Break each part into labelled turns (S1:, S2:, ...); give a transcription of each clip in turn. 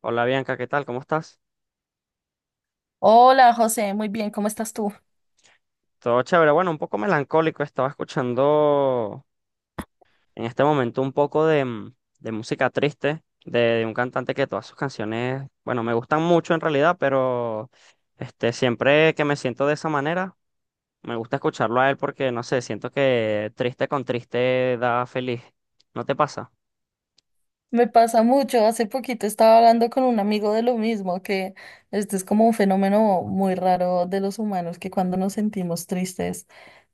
S1: Hola Bianca, ¿qué tal? ¿Cómo estás?
S2: Hola José, muy bien, ¿cómo estás tú?
S1: Todo chévere. Bueno, un poco melancólico. Estaba escuchando en este momento un poco de de música triste de un cantante que todas sus canciones, bueno, me gustan mucho en realidad, pero este, siempre que me siento de esa manera, me gusta escucharlo a él porque, no sé, siento que triste con triste da feliz. ¿No te pasa?
S2: Me pasa mucho, hace poquito estaba hablando con un amigo de lo mismo, que este es como un fenómeno muy raro de los humanos, que cuando nos sentimos tristes,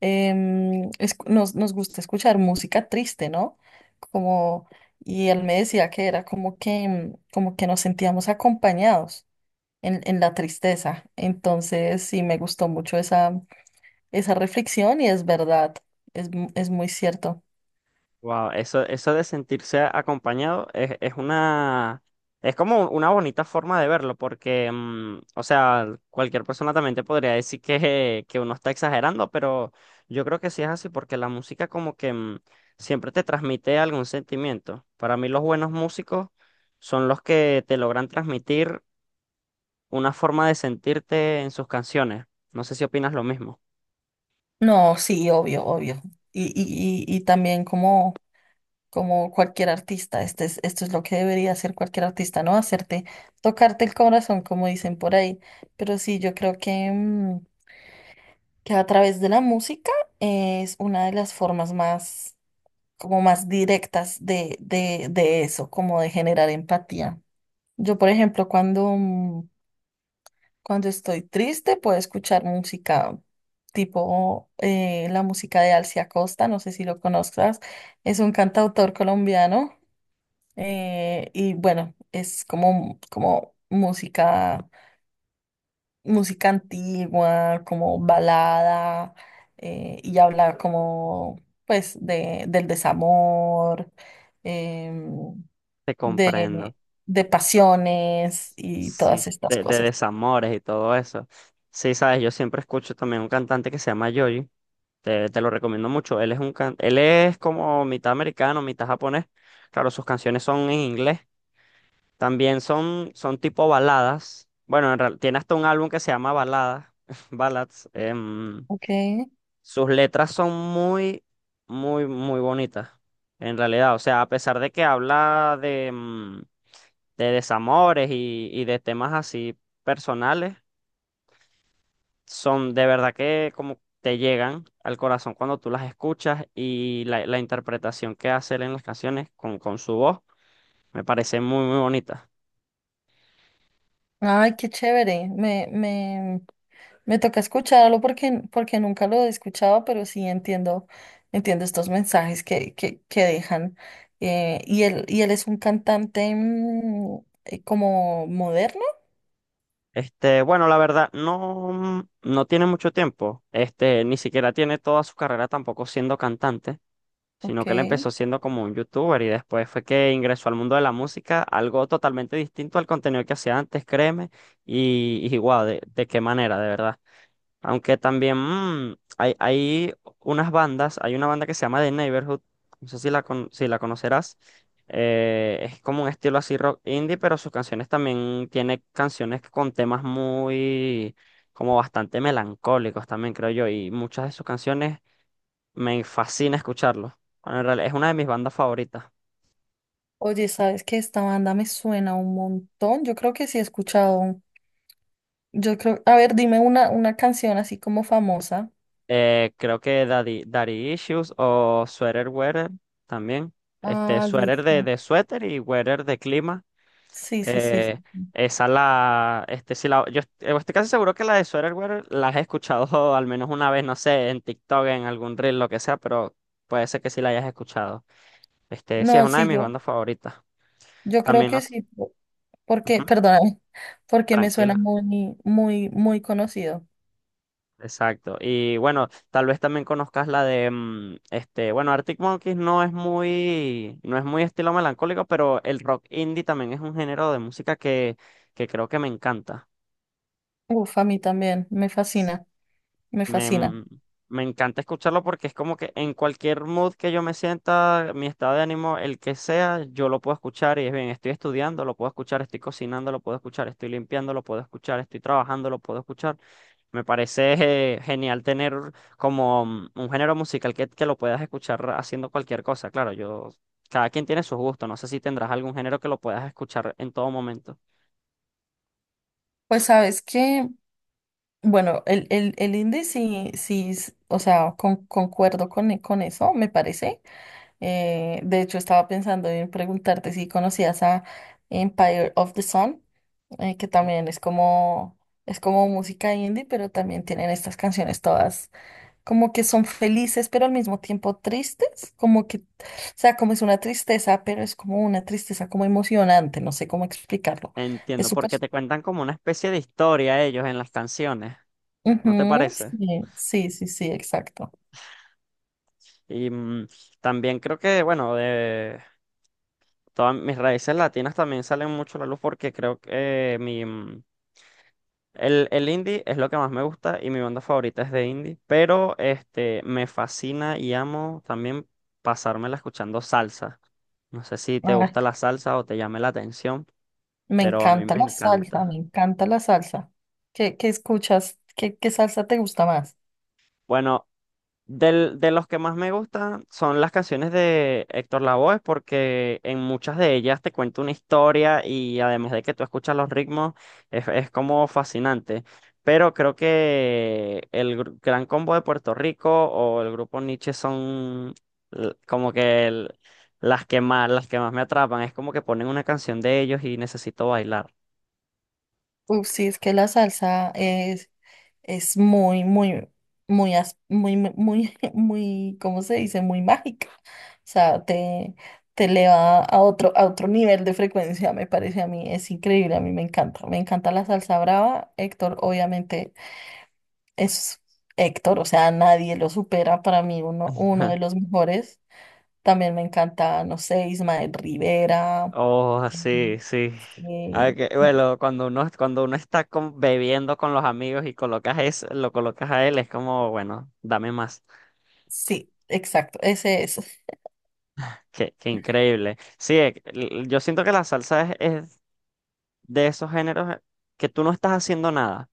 S2: nos gusta escuchar música triste, ¿no? Como, y él me decía que era como que, como que nos sentíamos acompañados en la tristeza. Entonces, sí, me gustó mucho esa reflexión y es verdad, es muy cierto.
S1: Wow, eso de sentirse acompañado es una, es como una bonita forma de verlo, porque, o sea, cualquier persona también te podría decir que uno está exagerando, pero yo creo que sí es así, porque la música como que siempre te transmite algún sentimiento. Para mí los buenos músicos son los que te logran transmitir una forma de sentirte en sus canciones. No sé si opinas lo mismo.
S2: No, sí, obvio, obvio. Y también como, como cualquier artista, esto es lo que debería hacer cualquier artista, ¿no? Hacerte, tocarte el corazón, como dicen por ahí. Pero sí, yo creo que, que a través de la música es una de las formas más, como más directas de eso, como de generar empatía. Yo, por ejemplo, cuando estoy triste, puedo escuchar música tipo la música de Alcia Costa, no sé si lo conozcas, es un cantautor colombiano, y bueno, es como, música antigua, como balada, y habla como pues de, del desamor, em,
S1: Te comprendo.
S2: de, de pasiones y todas
S1: Sí,
S2: estas
S1: de
S2: cosas.
S1: desamores y todo eso. Sí, sabes, yo siempre escucho también un cantante que se llama Yoji. Te lo recomiendo mucho. Él es un él es como mitad americano, mitad japonés. Claro, sus canciones son en inglés. También son tipo baladas. Bueno, en tiene hasta un álbum que se llama Baladas, Ballads.
S2: Ok.
S1: Sus letras son muy, muy, muy bonitas. En realidad, o sea, a pesar de que habla de, de desamores y de temas así personales, son de verdad que como te llegan al corazón cuando tú las escuchas y la interpretación que hace él en las canciones con su voz me parece muy, muy bonita.
S2: Ay, qué chévere. Me toca escucharlo porque, porque nunca lo he escuchado, pero sí entiendo, entiendo estos mensajes que dejan. Y él es un cantante como moderno.
S1: Este, bueno, la verdad, no tiene mucho tiempo, este, ni siquiera tiene toda su carrera tampoco siendo cantante,
S2: Ok.
S1: sino que él empezó siendo como un youtuber y después fue que ingresó al mundo de la música, algo totalmente distinto al contenido que hacía antes, créeme, y guau, de qué manera, de verdad. Aunque también hay unas bandas, hay una banda que se llama The Neighborhood, no sé si si la conocerás, es como un estilo así rock indie, pero sus canciones también tiene canciones con temas muy, como bastante melancólicos también, creo yo, y muchas de sus canciones me fascina escucharlo. Bueno, en realidad es una de mis bandas favoritas.
S2: Oye, ¿sabes que esta banda me suena un montón? Yo creo que sí he escuchado. Yo creo, a ver, dime una canción así como famosa.
S1: Creo que Daddy Issues o Sweater Weather también. Este,
S2: Ah,
S1: Sweater de,
S2: listo.
S1: de suéter y Weather de clima.
S2: Sí, sí, sí, sí.
S1: Eh, esa la, este, si yo estoy casi seguro que la de Sweater Weather la he escuchado al menos una vez, no sé, en TikTok, en algún reel, lo que sea, pero puede ser que sí la hayas escuchado. Este, sí, es
S2: No,
S1: una de
S2: sí,
S1: mis
S2: yo,
S1: bandas favoritas.
S2: yo creo
S1: También
S2: que
S1: nos...
S2: sí. Porque,
S1: Ujú,
S2: perdóname, porque me suena
S1: tranquila.
S2: muy, muy, muy conocido.
S1: Exacto. Y bueno, tal vez también conozcas la de Arctic Monkeys no es muy, no es muy estilo melancólico, pero el rock indie también es un género de música que creo que me encanta.
S2: Uf, a mí también, me fascina, me
S1: Me,
S2: fascina.
S1: mm, me encanta escucharlo porque es como que en cualquier mood que yo me sienta, mi estado de ánimo, el que sea, yo lo puedo escuchar y es bien, estoy estudiando, lo puedo escuchar, estoy cocinando, lo puedo escuchar, estoy limpiando, lo puedo escuchar, estoy trabajando, lo puedo escuchar. Me parece genial tener como un género musical que lo puedas escuchar haciendo cualquier cosa. Claro, yo, cada quien tiene sus gustos. No sé si tendrás algún género que lo puedas escuchar en todo momento.
S2: Pues sabes que, bueno, el indie sí, sí, o sea, concuerdo con eso, me parece. De hecho, estaba pensando en preguntarte si conocías a Empire of the Sun, que también es como música indie, pero también tienen estas canciones todas, como que son felices, pero al mismo tiempo tristes, como que, o sea, como es una tristeza, pero es como una tristeza como emocionante, no sé cómo explicarlo. Es
S1: Entiendo,
S2: súper...
S1: porque te cuentan como una especie de historia ellos en las canciones. ¿No te
S2: Ujú,
S1: parece?
S2: sí, sí, sí, sí, exacto.
S1: Y también creo que, bueno, de todas mis raíces latinas también salen mucho a la luz porque creo que el indie es lo que más me gusta y mi banda favorita es de indie, pero este, me fascina y amo también pasármela escuchando salsa. No sé si te
S2: Ay,
S1: gusta la salsa o te llame la atención,
S2: me
S1: pero a mí
S2: encanta
S1: me
S2: la salsa, me
S1: encanta.
S2: encanta la salsa. ¿Qué, qué escuchas? ¿Qué, qué salsa te gusta más?
S1: Bueno, de los que más me gustan son las canciones de Héctor Lavoe, porque en muchas de ellas te cuenta una historia y además de que tú escuchas los ritmos, es como fascinante. Pero creo que el Gran Combo de Puerto Rico o el grupo Nietzsche son l- como que el- las que más me atrapan. Es como que ponen una canción de ellos y necesito bailar.
S2: Uf, sí, es que la salsa es... Es muy, muy, muy, muy, muy, muy, ¿cómo se dice? Muy mágica. O sea, te eleva a otro nivel de frecuencia, me parece a mí. Es increíble, a mí me encanta. Me encanta la salsa brava. Héctor, obviamente, es Héctor, o sea, nadie lo supera. Para mí, uno, uno de los mejores. También me encanta, no sé, Ismael Rivera.
S1: Oh,
S2: Mm,
S1: sí, sí. Ah, que,
S2: no,
S1: bueno, cuando uno está bebiendo con los amigos y colocas eso, lo colocas a él, es como, bueno, dame más.
S2: sí, exacto, ese es.
S1: Qué, qué increíble. Sí, yo siento que la salsa es de esos géneros que tú no estás haciendo nada.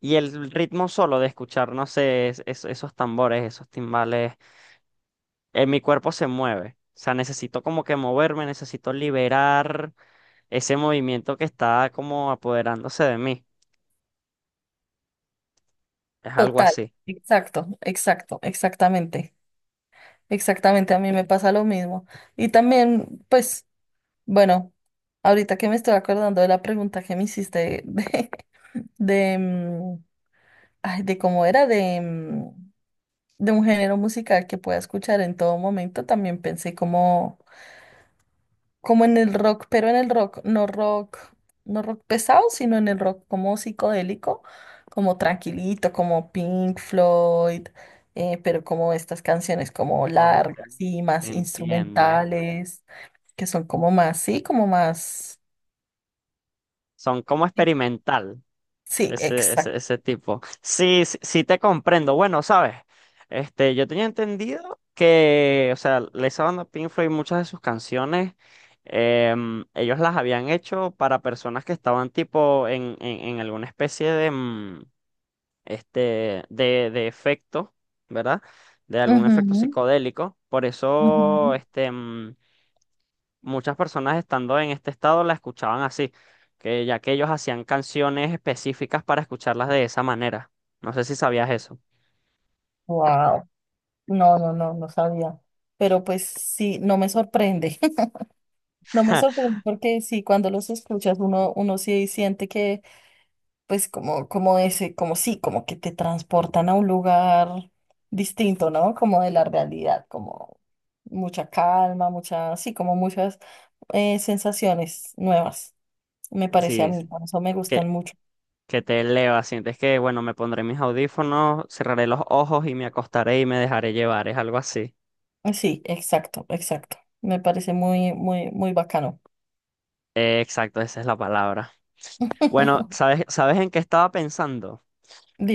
S1: Y el ritmo solo de escuchar, no sé, esos tambores, esos timbales, en mi cuerpo se mueve. O sea, necesito como que moverme, necesito liberar ese movimiento que está como apoderándose de mí. Es algo
S2: Total,
S1: así.
S2: exacto, exacto, exactamente. Exactamente, a mí me pasa lo mismo. Y también, pues, bueno, ahorita que me estoy acordando de la pregunta que me hiciste de, mm, ay, de cómo era, de un género musical que pueda escuchar en todo momento, también pensé como como en el rock, pero en el rock, no rock, no rock pesado, sino en el rock como psicodélico, como tranquilito, como Pink Floyd, pero como estas canciones como
S1: Oh,
S2: largas y más
S1: entiendo.
S2: instrumentales, que son como más,
S1: Son como experimental,
S2: sí, exacto.
S1: ese tipo. Sí, sí, sí te comprendo. Bueno, sabes, este, yo tenía entendido que, o sea, esa banda Pink Floyd, muchas de sus canciones, em, ellos las habían hecho para personas que estaban tipo en alguna especie de, de efecto, ¿verdad? De algún efecto
S2: Ujú,
S1: psicodélico. Por eso,
S2: ujú.
S1: muchas personas estando en este estado la escuchaban así, que ya que ellos hacían canciones específicas para escucharlas de esa manera. No sé si sabías eso.
S2: Wow, no, no, no, no sabía. Pero pues sí, no me sorprende. No me sorprende porque sí, cuando los escuchas uno, uno sí siente que pues como, como ese, como sí, como que te transportan a un lugar distinto, ¿no? Como de la realidad, como mucha calma, mucha, sí, como muchas sensaciones nuevas, me parece a
S1: Sí,
S2: mí,
S1: sí,
S2: por eso me gustan
S1: que,
S2: mucho.
S1: que te eleva, sientes que, bueno, me pondré mis audífonos, cerraré los ojos y me acostaré y me dejaré llevar, es algo así.
S2: Ah, sí, exacto, exacto. Me parece muy, muy, muy bacano.
S1: Exacto, esa es la palabra. Bueno, ¿sabes, sabes en qué estaba pensando?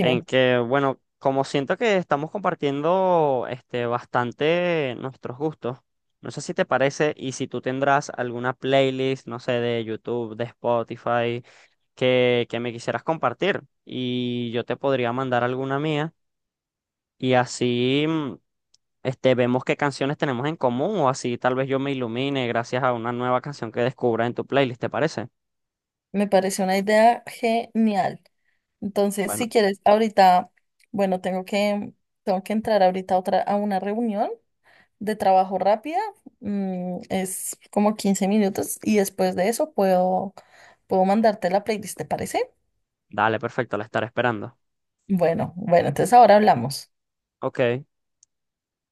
S1: En que, bueno, como siento que estamos compartiendo este, bastante nuestros gustos, no sé si te parece y si tú tendrás alguna playlist, no sé, de YouTube, de Spotify, que me quisieras compartir y yo te podría mandar alguna mía y así vemos qué canciones tenemos en común o así tal vez yo me ilumine gracias a una nueva canción que descubra en tu playlist, ¿te parece?
S2: me parece una idea genial. Entonces, si
S1: Bueno,
S2: quieres, ahorita, bueno, tengo que entrar ahorita a otra, a una reunión de trabajo rápida, es como 15 minutos y después de eso puedo mandarte la playlist, ¿te parece?
S1: dale, perfecto, la estaré esperando.
S2: Bueno, bueno, entonces ahora hablamos.
S1: Ok.